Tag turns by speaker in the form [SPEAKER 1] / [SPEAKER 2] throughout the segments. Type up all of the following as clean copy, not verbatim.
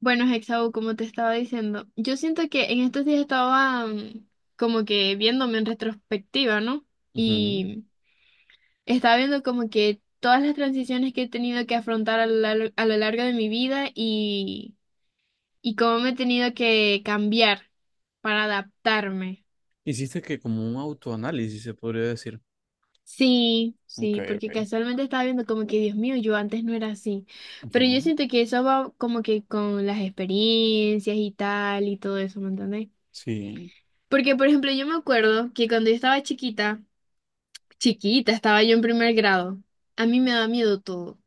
[SPEAKER 1] Bueno, Hexau, como te estaba diciendo, yo siento que en estos días estaba como que viéndome en retrospectiva, ¿no?
[SPEAKER 2] Ujú.
[SPEAKER 1] Y estaba viendo como que todas las transiciones que he tenido que afrontar a lo largo de mi vida y cómo me he tenido que cambiar para adaptarme.
[SPEAKER 2] Hiciste que como un autoanálisis, se podría decir.
[SPEAKER 1] Sí,
[SPEAKER 2] Ok,
[SPEAKER 1] sí, porque
[SPEAKER 2] ok.
[SPEAKER 1] casualmente estaba viendo como que, Dios mío, yo antes no era así. Pero yo
[SPEAKER 2] Ujú.
[SPEAKER 1] siento que eso va como que con las experiencias y tal y todo eso, ¿me entendés?
[SPEAKER 2] Sí,
[SPEAKER 1] Porque, por ejemplo, yo me acuerdo que cuando yo estaba chiquita, chiquita, estaba yo en primer grado, a mí me daba miedo todo,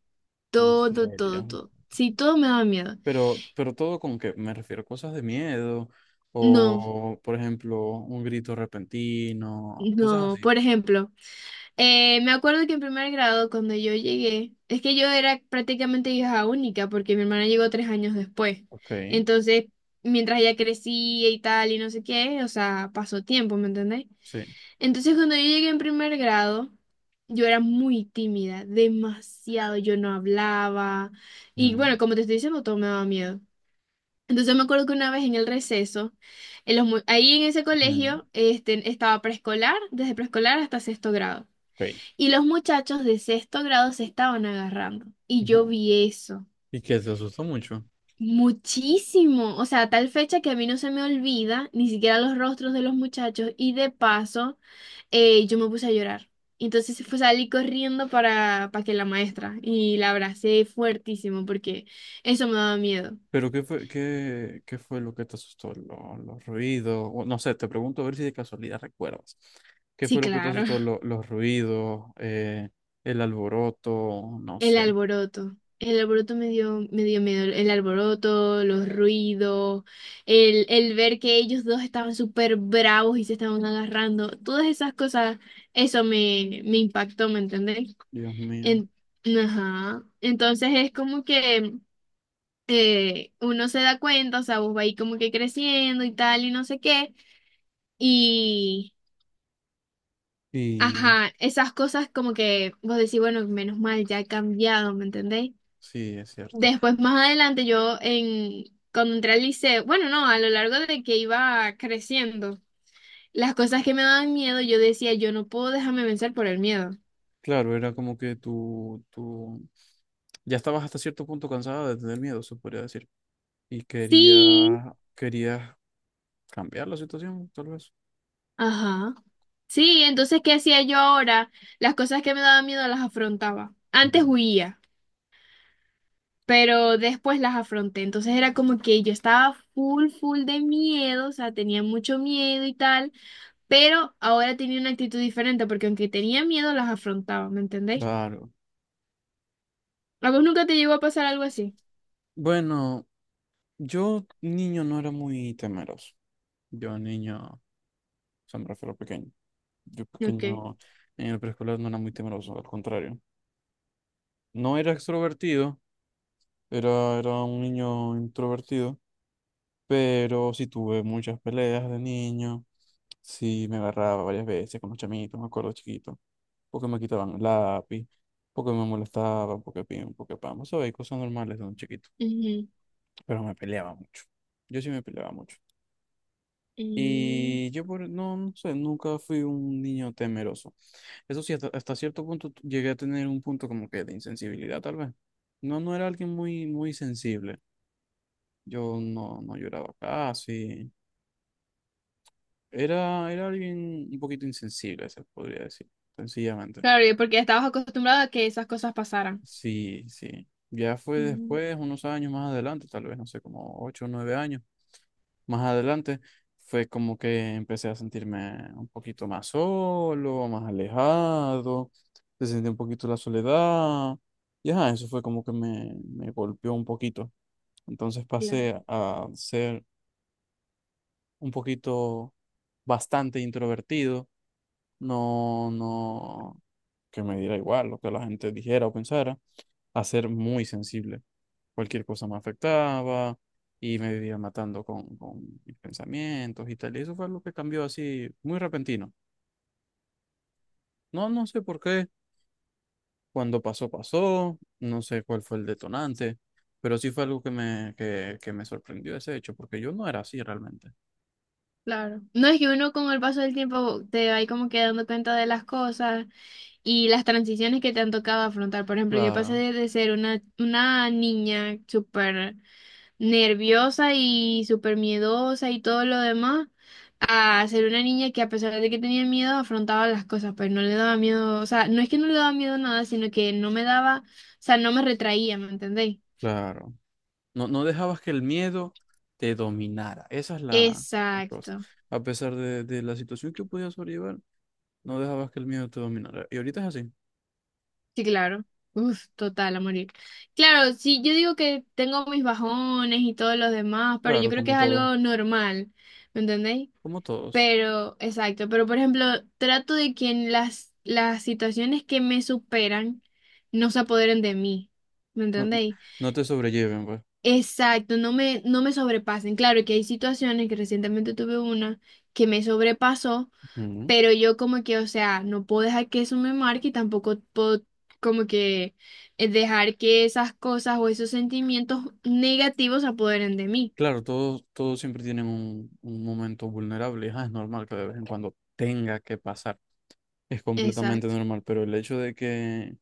[SPEAKER 2] en
[SPEAKER 1] todo,
[SPEAKER 2] serio.
[SPEAKER 1] todo, todo. Sí, todo me daba miedo.
[SPEAKER 2] Pero todo con que me refiero a cosas de miedo
[SPEAKER 1] No,
[SPEAKER 2] o, por ejemplo, un grito repentino, cosas
[SPEAKER 1] no,
[SPEAKER 2] así.
[SPEAKER 1] por ejemplo, me acuerdo que en primer grado, cuando yo llegué, es que yo era prácticamente hija única, porque mi hermana llegó 3 años después.
[SPEAKER 2] Ok,
[SPEAKER 1] Entonces, mientras ella crecía y tal, y no sé qué, o sea, pasó tiempo, ¿me entendés?
[SPEAKER 2] sí.
[SPEAKER 1] Entonces, cuando yo llegué en primer grado, yo era muy tímida, demasiado, yo no hablaba. Y bueno,
[SPEAKER 2] Ujú,
[SPEAKER 1] como te estoy diciendo, todo me daba miedo. Entonces me acuerdo que una vez en el receso, ahí en ese
[SPEAKER 2] ujú.
[SPEAKER 1] colegio, este, estaba preescolar, desde preescolar hasta sexto grado.
[SPEAKER 2] Ok.
[SPEAKER 1] Y los muchachos de sexto grado se estaban agarrando. Y yo
[SPEAKER 2] Ujú.
[SPEAKER 1] vi eso.
[SPEAKER 2] ¿Y que te asustó mucho?
[SPEAKER 1] Muchísimo. O sea, a tal fecha que a mí no se me olvida ni siquiera los rostros de los muchachos. Y de paso yo me puse a llorar. Entonces fue, salí corriendo para que la maestra y la abracé fuertísimo porque eso me daba miedo.
[SPEAKER 2] Pero ¿qué fue, qué, qué fue lo que te asustó? ¿Lo- los ruidos? O no sé, te pregunto a ver si de casualidad recuerdas. ¿Qué
[SPEAKER 1] Sí,
[SPEAKER 2] fue lo que te
[SPEAKER 1] claro.
[SPEAKER 2] asustó? ¿Lo- los ruidos, el alboroto, no
[SPEAKER 1] El
[SPEAKER 2] sé.
[SPEAKER 1] alboroto. El alboroto me dio miedo. El alboroto, los ruidos, el ver que ellos dos estaban súper bravos y se estaban agarrando. Todas esas cosas, eso me, me impactó, ¿me entendés?
[SPEAKER 2] Dios mío.
[SPEAKER 1] En- ajá. Entonces es como que uno se da cuenta, o sea, vos va ahí como que creciendo y tal y no sé qué, y,
[SPEAKER 2] Y
[SPEAKER 1] ajá, esas cosas como que vos decís, bueno, menos mal, ya he cambiado, ¿me entendéis?
[SPEAKER 2] sí, es cierto.
[SPEAKER 1] Después, más adelante, cuando entré al liceo, bueno, no, a lo largo de que iba creciendo, las cosas que me daban miedo, yo decía, yo no puedo dejarme vencer por el miedo.
[SPEAKER 2] Claro, era como que tú ya estabas hasta cierto punto cansada de tener miedo, se podría decir. Y
[SPEAKER 1] Sí,
[SPEAKER 2] quería, querías cambiar la situación, tal vez.
[SPEAKER 1] ajá. Sí, entonces, ¿qué hacía yo ahora? Las cosas que me daban miedo las afrontaba. Antes
[SPEAKER 2] Ujú.
[SPEAKER 1] huía. Pero después las afronté. Entonces era como que yo estaba full, full de miedo, o sea, tenía mucho miedo y tal, pero ahora tenía una actitud diferente porque aunque tenía miedo, las afrontaba, ¿me entendéis?
[SPEAKER 2] Claro.
[SPEAKER 1] ¿A vos nunca te llegó a pasar algo así?
[SPEAKER 2] Bueno, yo niño no era muy temeroso. Yo niño, o sea, me refiero a pequeño. Yo
[SPEAKER 1] Ok.
[SPEAKER 2] pequeño en el preescolar no era muy temeroso, al contrario. No era extrovertido, era un niño introvertido, pero sí tuve muchas peleas de niño, sí me agarraba varias veces con los chamitos, me acuerdo chiquito, porque me quitaban el lápiz, porque me molestaban, porque pim, porque pam, sabes, cosas normales de un chiquito,
[SPEAKER 1] Ujú.
[SPEAKER 2] pero me peleaba mucho. Yo sí me peleaba mucho.
[SPEAKER 1] Mm.
[SPEAKER 2] Y yo por, no, no sé, nunca fui un niño temeroso. Eso sí, hasta cierto punto llegué a tener un punto como que de insensibilidad, tal vez. No, no era alguien muy, muy sensible. Yo no, no lloraba casi. Era alguien un poquito insensible, se podría decir, sencillamente.
[SPEAKER 1] Claro, y porque estabas acostumbrado a que esas cosas pasaran.
[SPEAKER 2] Sí, sí. Ya fue
[SPEAKER 1] Ujú.
[SPEAKER 2] después, unos años más adelante, tal vez, no sé, como ocho o nueve años más adelante, fue como que empecé a sentirme un poquito más solo, más alejado, se sentí un poquito la soledad. Y ajá, eso fue como que me golpeó un poquito. Entonces
[SPEAKER 1] Claro.
[SPEAKER 2] pasé a ser un poquito bastante introvertido no, no, que me diera igual lo que la gente dijera o pensara, a ser muy sensible. Cualquier cosa me afectaba y me vivía matando con mis pensamientos y tal. Y eso fue lo que cambió así, muy repentino. No, no sé por qué, cuando pasó, pasó, no sé cuál fue el detonante, pero sí fue algo que que me sorprendió ese hecho, porque yo no era así realmente.
[SPEAKER 1] Claro. No es que uno con el paso del tiempo te va ahí como que dando cuenta de las cosas y las transiciones que te han tocado afrontar. Por ejemplo, yo pasé
[SPEAKER 2] Claro,
[SPEAKER 1] de ser una niña súper nerviosa y súper miedosa y todo lo demás, a ser una niña que a pesar de que tenía miedo, afrontaba las cosas, pues no le daba miedo, o sea, no es que no le daba miedo a nada, sino que no me daba, o sea, no me retraía, ¿me entendéis?
[SPEAKER 2] claro. No, no dejabas que el miedo te dominara. Esa es la cosa.
[SPEAKER 1] Exacto,
[SPEAKER 2] A pesar de la situación que podías sobrellevar, no dejabas que el miedo te dominara. Y ahorita es así.
[SPEAKER 1] sí, claro. Uf, total, a morir. Claro, sí, yo digo que tengo mis bajones y todo lo demás, pero yo
[SPEAKER 2] Claro,
[SPEAKER 1] creo que
[SPEAKER 2] como
[SPEAKER 1] es
[SPEAKER 2] todos.
[SPEAKER 1] algo normal, ¿me entendéis?
[SPEAKER 2] Como todos.
[SPEAKER 1] Pero, exacto, pero por ejemplo, trato de que en las situaciones que me superan no se apoderen de mí. ¿Me
[SPEAKER 2] No,
[SPEAKER 1] entendéis?
[SPEAKER 2] no te sobrelleven, pues.
[SPEAKER 1] Exacto, no me, no me sobrepasen. Claro que hay situaciones que recientemente tuve una que me sobrepasó,
[SPEAKER 2] Ujú.
[SPEAKER 1] pero yo como que, o sea, no puedo dejar que eso me marque y tampoco puedo como que dejar que esas cosas o esos sentimientos negativos se apoderen de mí.
[SPEAKER 2] Claro, todos, todos siempre tienen un momento vulnerable. Ah, es normal que de vez en cuando tenga que pasar. Es completamente
[SPEAKER 1] Exacto,
[SPEAKER 2] normal. Pero el hecho de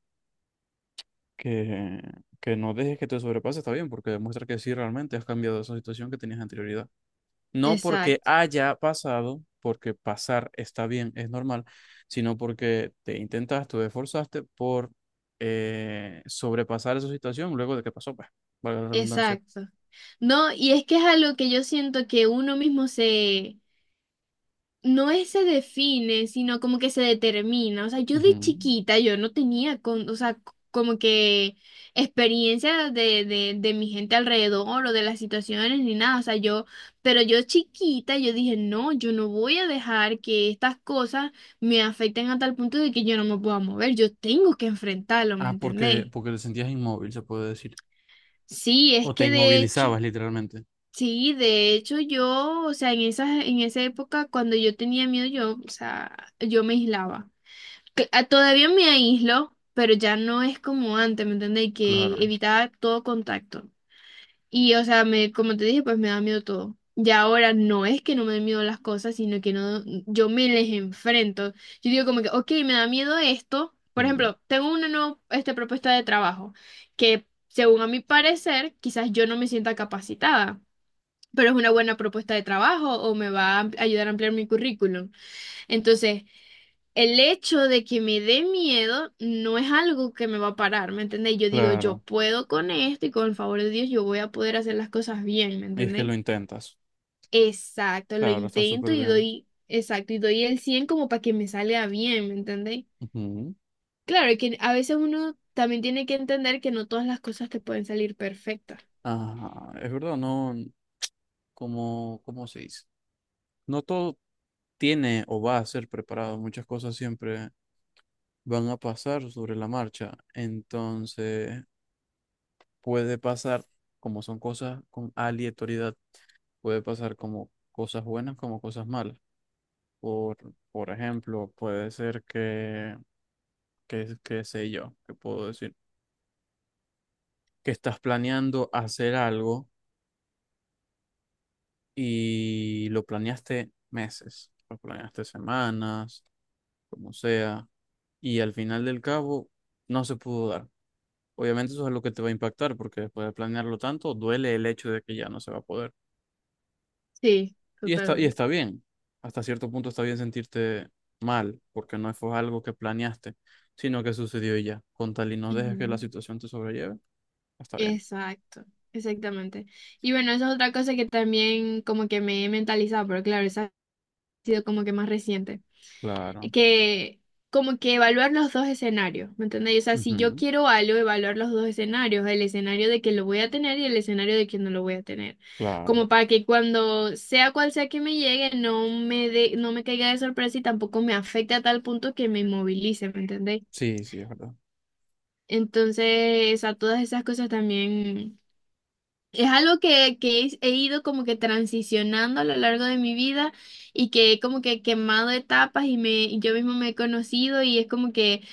[SPEAKER 2] que, que no dejes que te sobrepase está bien, porque demuestra que sí realmente has cambiado esa situación que tenías anterioridad. No porque
[SPEAKER 1] exacto,
[SPEAKER 2] haya pasado, porque pasar está bien, es normal, sino porque te intentaste, te esforzaste por sobrepasar esa situación luego de que pasó, pues, valga la redundancia.
[SPEAKER 1] exacto. No, y es que es algo que yo siento que uno mismo no es se define, sino como que se determina. O sea, yo de
[SPEAKER 2] Ujú.
[SPEAKER 1] chiquita, yo no tenía, con, o sea, c- como que experiencia de mi gente alrededor o de las situaciones ni nada. O sea, yo, pero yo chiquita, yo dije, no, yo no voy a dejar que estas cosas me afecten a tal punto de que yo no me pueda mover. Yo tengo que enfrentarlo, ¿me
[SPEAKER 2] Ah, porque,
[SPEAKER 1] entendéis?
[SPEAKER 2] porque te sentías inmóvil, se puede decir.
[SPEAKER 1] Sí, es
[SPEAKER 2] O te
[SPEAKER 1] que de hecho...
[SPEAKER 2] inmovilizabas literalmente.
[SPEAKER 1] Sí, de hecho yo, o sea, en esa época cuando yo tenía miedo, yo, o sea, yo me aislaba. Que- ah, todavía me aíslo, pero ya no es como antes, ¿me entiendes? Que
[SPEAKER 2] Claro.
[SPEAKER 1] evitaba todo contacto. Y, o sea, me, como te dije, pues me da miedo todo. Y ahora no es que no me den miedo las cosas, sino que no, yo me les enfrento. Yo digo como que, ok, me da miedo esto. Por
[SPEAKER 2] Ujú.
[SPEAKER 1] ejemplo, tengo una nueva, este, propuesta de trabajo que, según a mi parecer, quizás yo no me sienta capacitada, pero es una buena propuesta de trabajo o me va a am- ayudar a ampliar mi currículum. Entonces, el hecho de que me dé miedo no es algo que me va a parar, ¿me entendéis? Yo digo, yo
[SPEAKER 2] Claro.
[SPEAKER 1] puedo con esto y con el favor de Dios yo voy a poder hacer las cosas bien, ¿me
[SPEAKER 2] Y es que lo
[SPEAKER 1] entendéis?
[SPEAKER 2] intentas.
[SPEAKER 1] Exacto, lo
[SPEAKER 2] Claro, está
[SPEAKER 1] intento
[SPEAKER 2] súper
[SPEAKER 1] y
[SPEAKER 2] bien.
[SPEAKER 1] doy, exacto, y doy el 100 como para que me salga bien, ¿me entendéis?
[SPEAKER 2] Ujú.
[SPEAKER 1] Claro, que a veces uno también tiene que entender que no todas las cosas te pueden salir perfectas.
[SPEAKER 2] Ah, es verdad, no, como, ¿cómo se dice? No todo tiene o va a ser preparado, muchas cosas siempre van a pasar sobre la marcha, entonces puede pasar, como son cosas con aleatoriedad, puede pasar como cosas buenas como cosas malas. Por, por ejemplo, puede ser que sé yo, que puedo decir, que estás planeando hacer algo y lo planeaste meses, lo planeaste semanas, como sea, y al final del cabo no se pudo dar. Obviamente eso es lo que te va a impactar, porque después de planearlo tanto, duele el hecho de que ya no se va a poder.
[SPEAKER 1] Sí,
[SPEAKER 2] Y está, y
[SPEAKER 1] totalmente.
[SPEAKER 2] está bien, hasta cierto punto está bien sentirte mal, porque no fue algo que planeaste, sino que sucedió y ya. Con tal y no dejes que la
[SPEAKER 1] Ujú.
[SPEAKER 2] situación te sobrelleve, está bien.
[SPEAKER 1] Exacto, exactamente. Y bueno, esa es otra cosa que también como que me he mentalizado, pero claro, esa ha sido como que más reciente.
[SPEAKER 2] Claro,
[SPEAKER 1] Que como que evaluar los dos escenarios, ¿me entendéis? O sea, si yo
[SPEAKER 2] ujú,
[SPEAKER 1] quiero algo, evaluar los dos escenarios, el escenario de que lo voy a tener y el escenario de que no lo voy a tener.
[SPEAKER 2] claro,
[SPEAKER 1] Como para que cuando sea cual sea que me llegue, no me dé- no me caiga de sorpresa y tampoco me afecte a tal punto que me inmovilice, ¿me entendéis?
[SPEAKER 2] sí, sí, es verdad.
[SPEAKER 1] Entonces, a todas esas cosas también. Es algo que he ido como que transicionando a lo largo de mi vida y que he como que quemado etapas y yo mismo me he conocido y es como que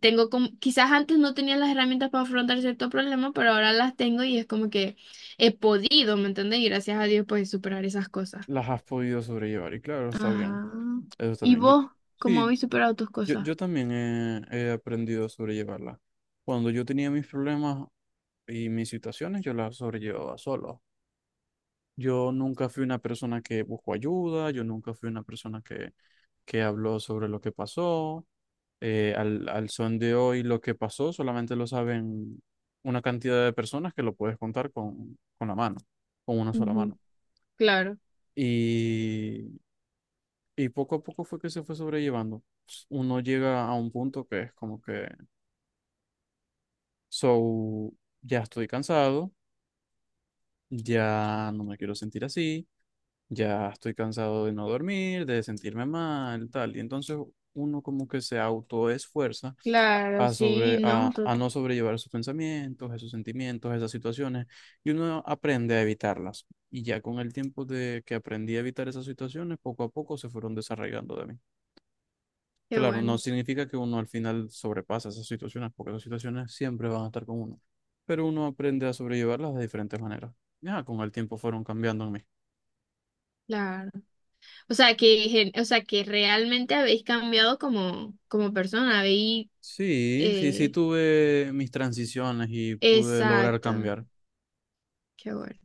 [SPEAKER 1] tengo como, quizás antes no tenía las herramientas para afrontar cierto problema, pero ahora las tengo y es como que he podido, ¿me entiendes? Y gracias a Dios pues superar esas cosas.
[SPEAKER 2] Las has podido sobrellevar. Y claro, está bien.
[SPEAKER 1] Ajá.
[SPEAKER 2] Eso está
[SPEAKER 1] ¿Y
[SPEAKER 2] bien. Yo,
[SPEAKER 1] vos cómo
[SPEAKER 2] sí,
[SPEAKER 1] habéis superado tus
[SPEAKER 2] yo,
[SPEAKER 1] cosas?
[SPEAKER 2] yo también he, he aprendido a sobrellevarlas. Cuando yo tenía mis problemas y mis situaciones, yo las sobrellevaba solo. Yo nunca fui una persona que buscó ayuda, yo nunca fui una persona que habló sobre lo que pasó. Al son de hoy, lo que pasó solamente lo saben una cantidad de personas que lo puedes contar con la mano, con una sola
[SPEAKER 1] Ujú,
[SPEAKER 2] mano.
[SPEAKER 1] claro,
[SPEAKER 2] y Y poco a poco fue que se fue sobrellevando. Pues, uno llega a un punto que es como que, so, ya estoy cansado, ya no me quiero sentir así, ya estoy cansado de no dormir, de sentirme mal, tal. Y entonces uno como que se autoesfuerza
[SPEAKER 1] claro, sí, no, to-
[SPEAKER 2] a no sobrellevar esos pensamientos, esos sentimientos, esas situaciones, y uno aprende a evitarlas. Y ya con el tiempo de que aprendí a evitar esas situaciones, poco a poco se fueron desarraigando de mí.
[SPEAKER 1] qué
[SPEAKER 2] Claro, no
[SPEAKER 1] bueno,
[SPEAKER 2] significa que uno al final sobrepasa esas situaciones, porque esas situaciones siempre van a estar con uno. Pero uno aprende a sobrellevarlas de diferentes maneras. Ya, con el tiempo fueron cambiando en mí.
[SPEAKER 1] claro. O sea que, gen- o sea que realmente habéis cambiado como, como persona, habéis,
[SPEAKER 2] Sí, sí, sí
[SPEAKER 1] eh,
[SPEAKER 2] tuve mis transiciones y pude lograr
[SPEAKER 1] exacto,
[SPEAKER 2] cambiar.
[SPEAKER 1] qué bueno.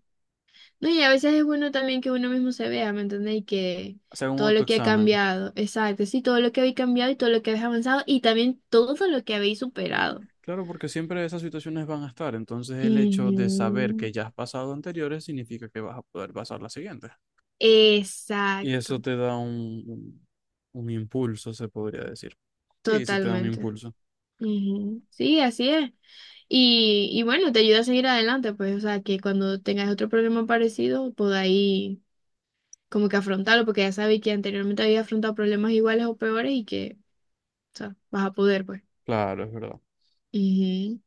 [SPEAKER 1] No, y a veces es bueno también que uno mismo se vea, ¿me entendéis? Y que
[SPEAKER 2] Hacer un
[SPEAKER 1] todo lo que ha
[SPEAKER 2] autoexamen.
[SPEAKER 1] cambiado, exacto, sí, todo lo que habéis cambiado y todo lo que habéis avanzado y también todo lo que habéis superado.
[SPEAKER 2] Claro, porque siempre esas situaciones van a estar. Entonces el hecho de saber que
[SPEAKER 1] Ujú,
[SPEAKER 2] ya has pasado anteriores significa que vas a poder pasar las siguientes. Y
[SPEAKER 1] exacto,
[SPEAKER 2] eso te da un impulso, se podría decir. Sí, sí te da un
[SPEAKER 1] totalmente.
[SPEAKER 2] impulso.
[SPEAKER 1] Ujú, sí, así es. Y bueno, te ayuda a seguir adelante, pues, o sea, que cuando tengáis otro problema parecido, podáis como que afrontarlo, porque ya sabes que anteriormente había afrontado problemas iguales o peores y que, o sea, vas a poder, pues.
[SPEAKER 2] Claro, es verdad.
[SPEAKER 1] Ujú.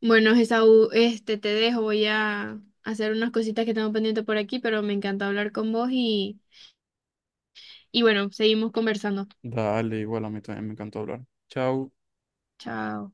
[SPEAKER 1] Bueno, Esaú, este, te dejo, voy a hacer unas cositas que tengo pendiente por aquí, pero me encanta hablar con vos y bueno, seguimos conversando.
[SPEAKER 2] Dale, igual a mí también me encantó hablar. Chao.
[SPEAKER 1] Chao.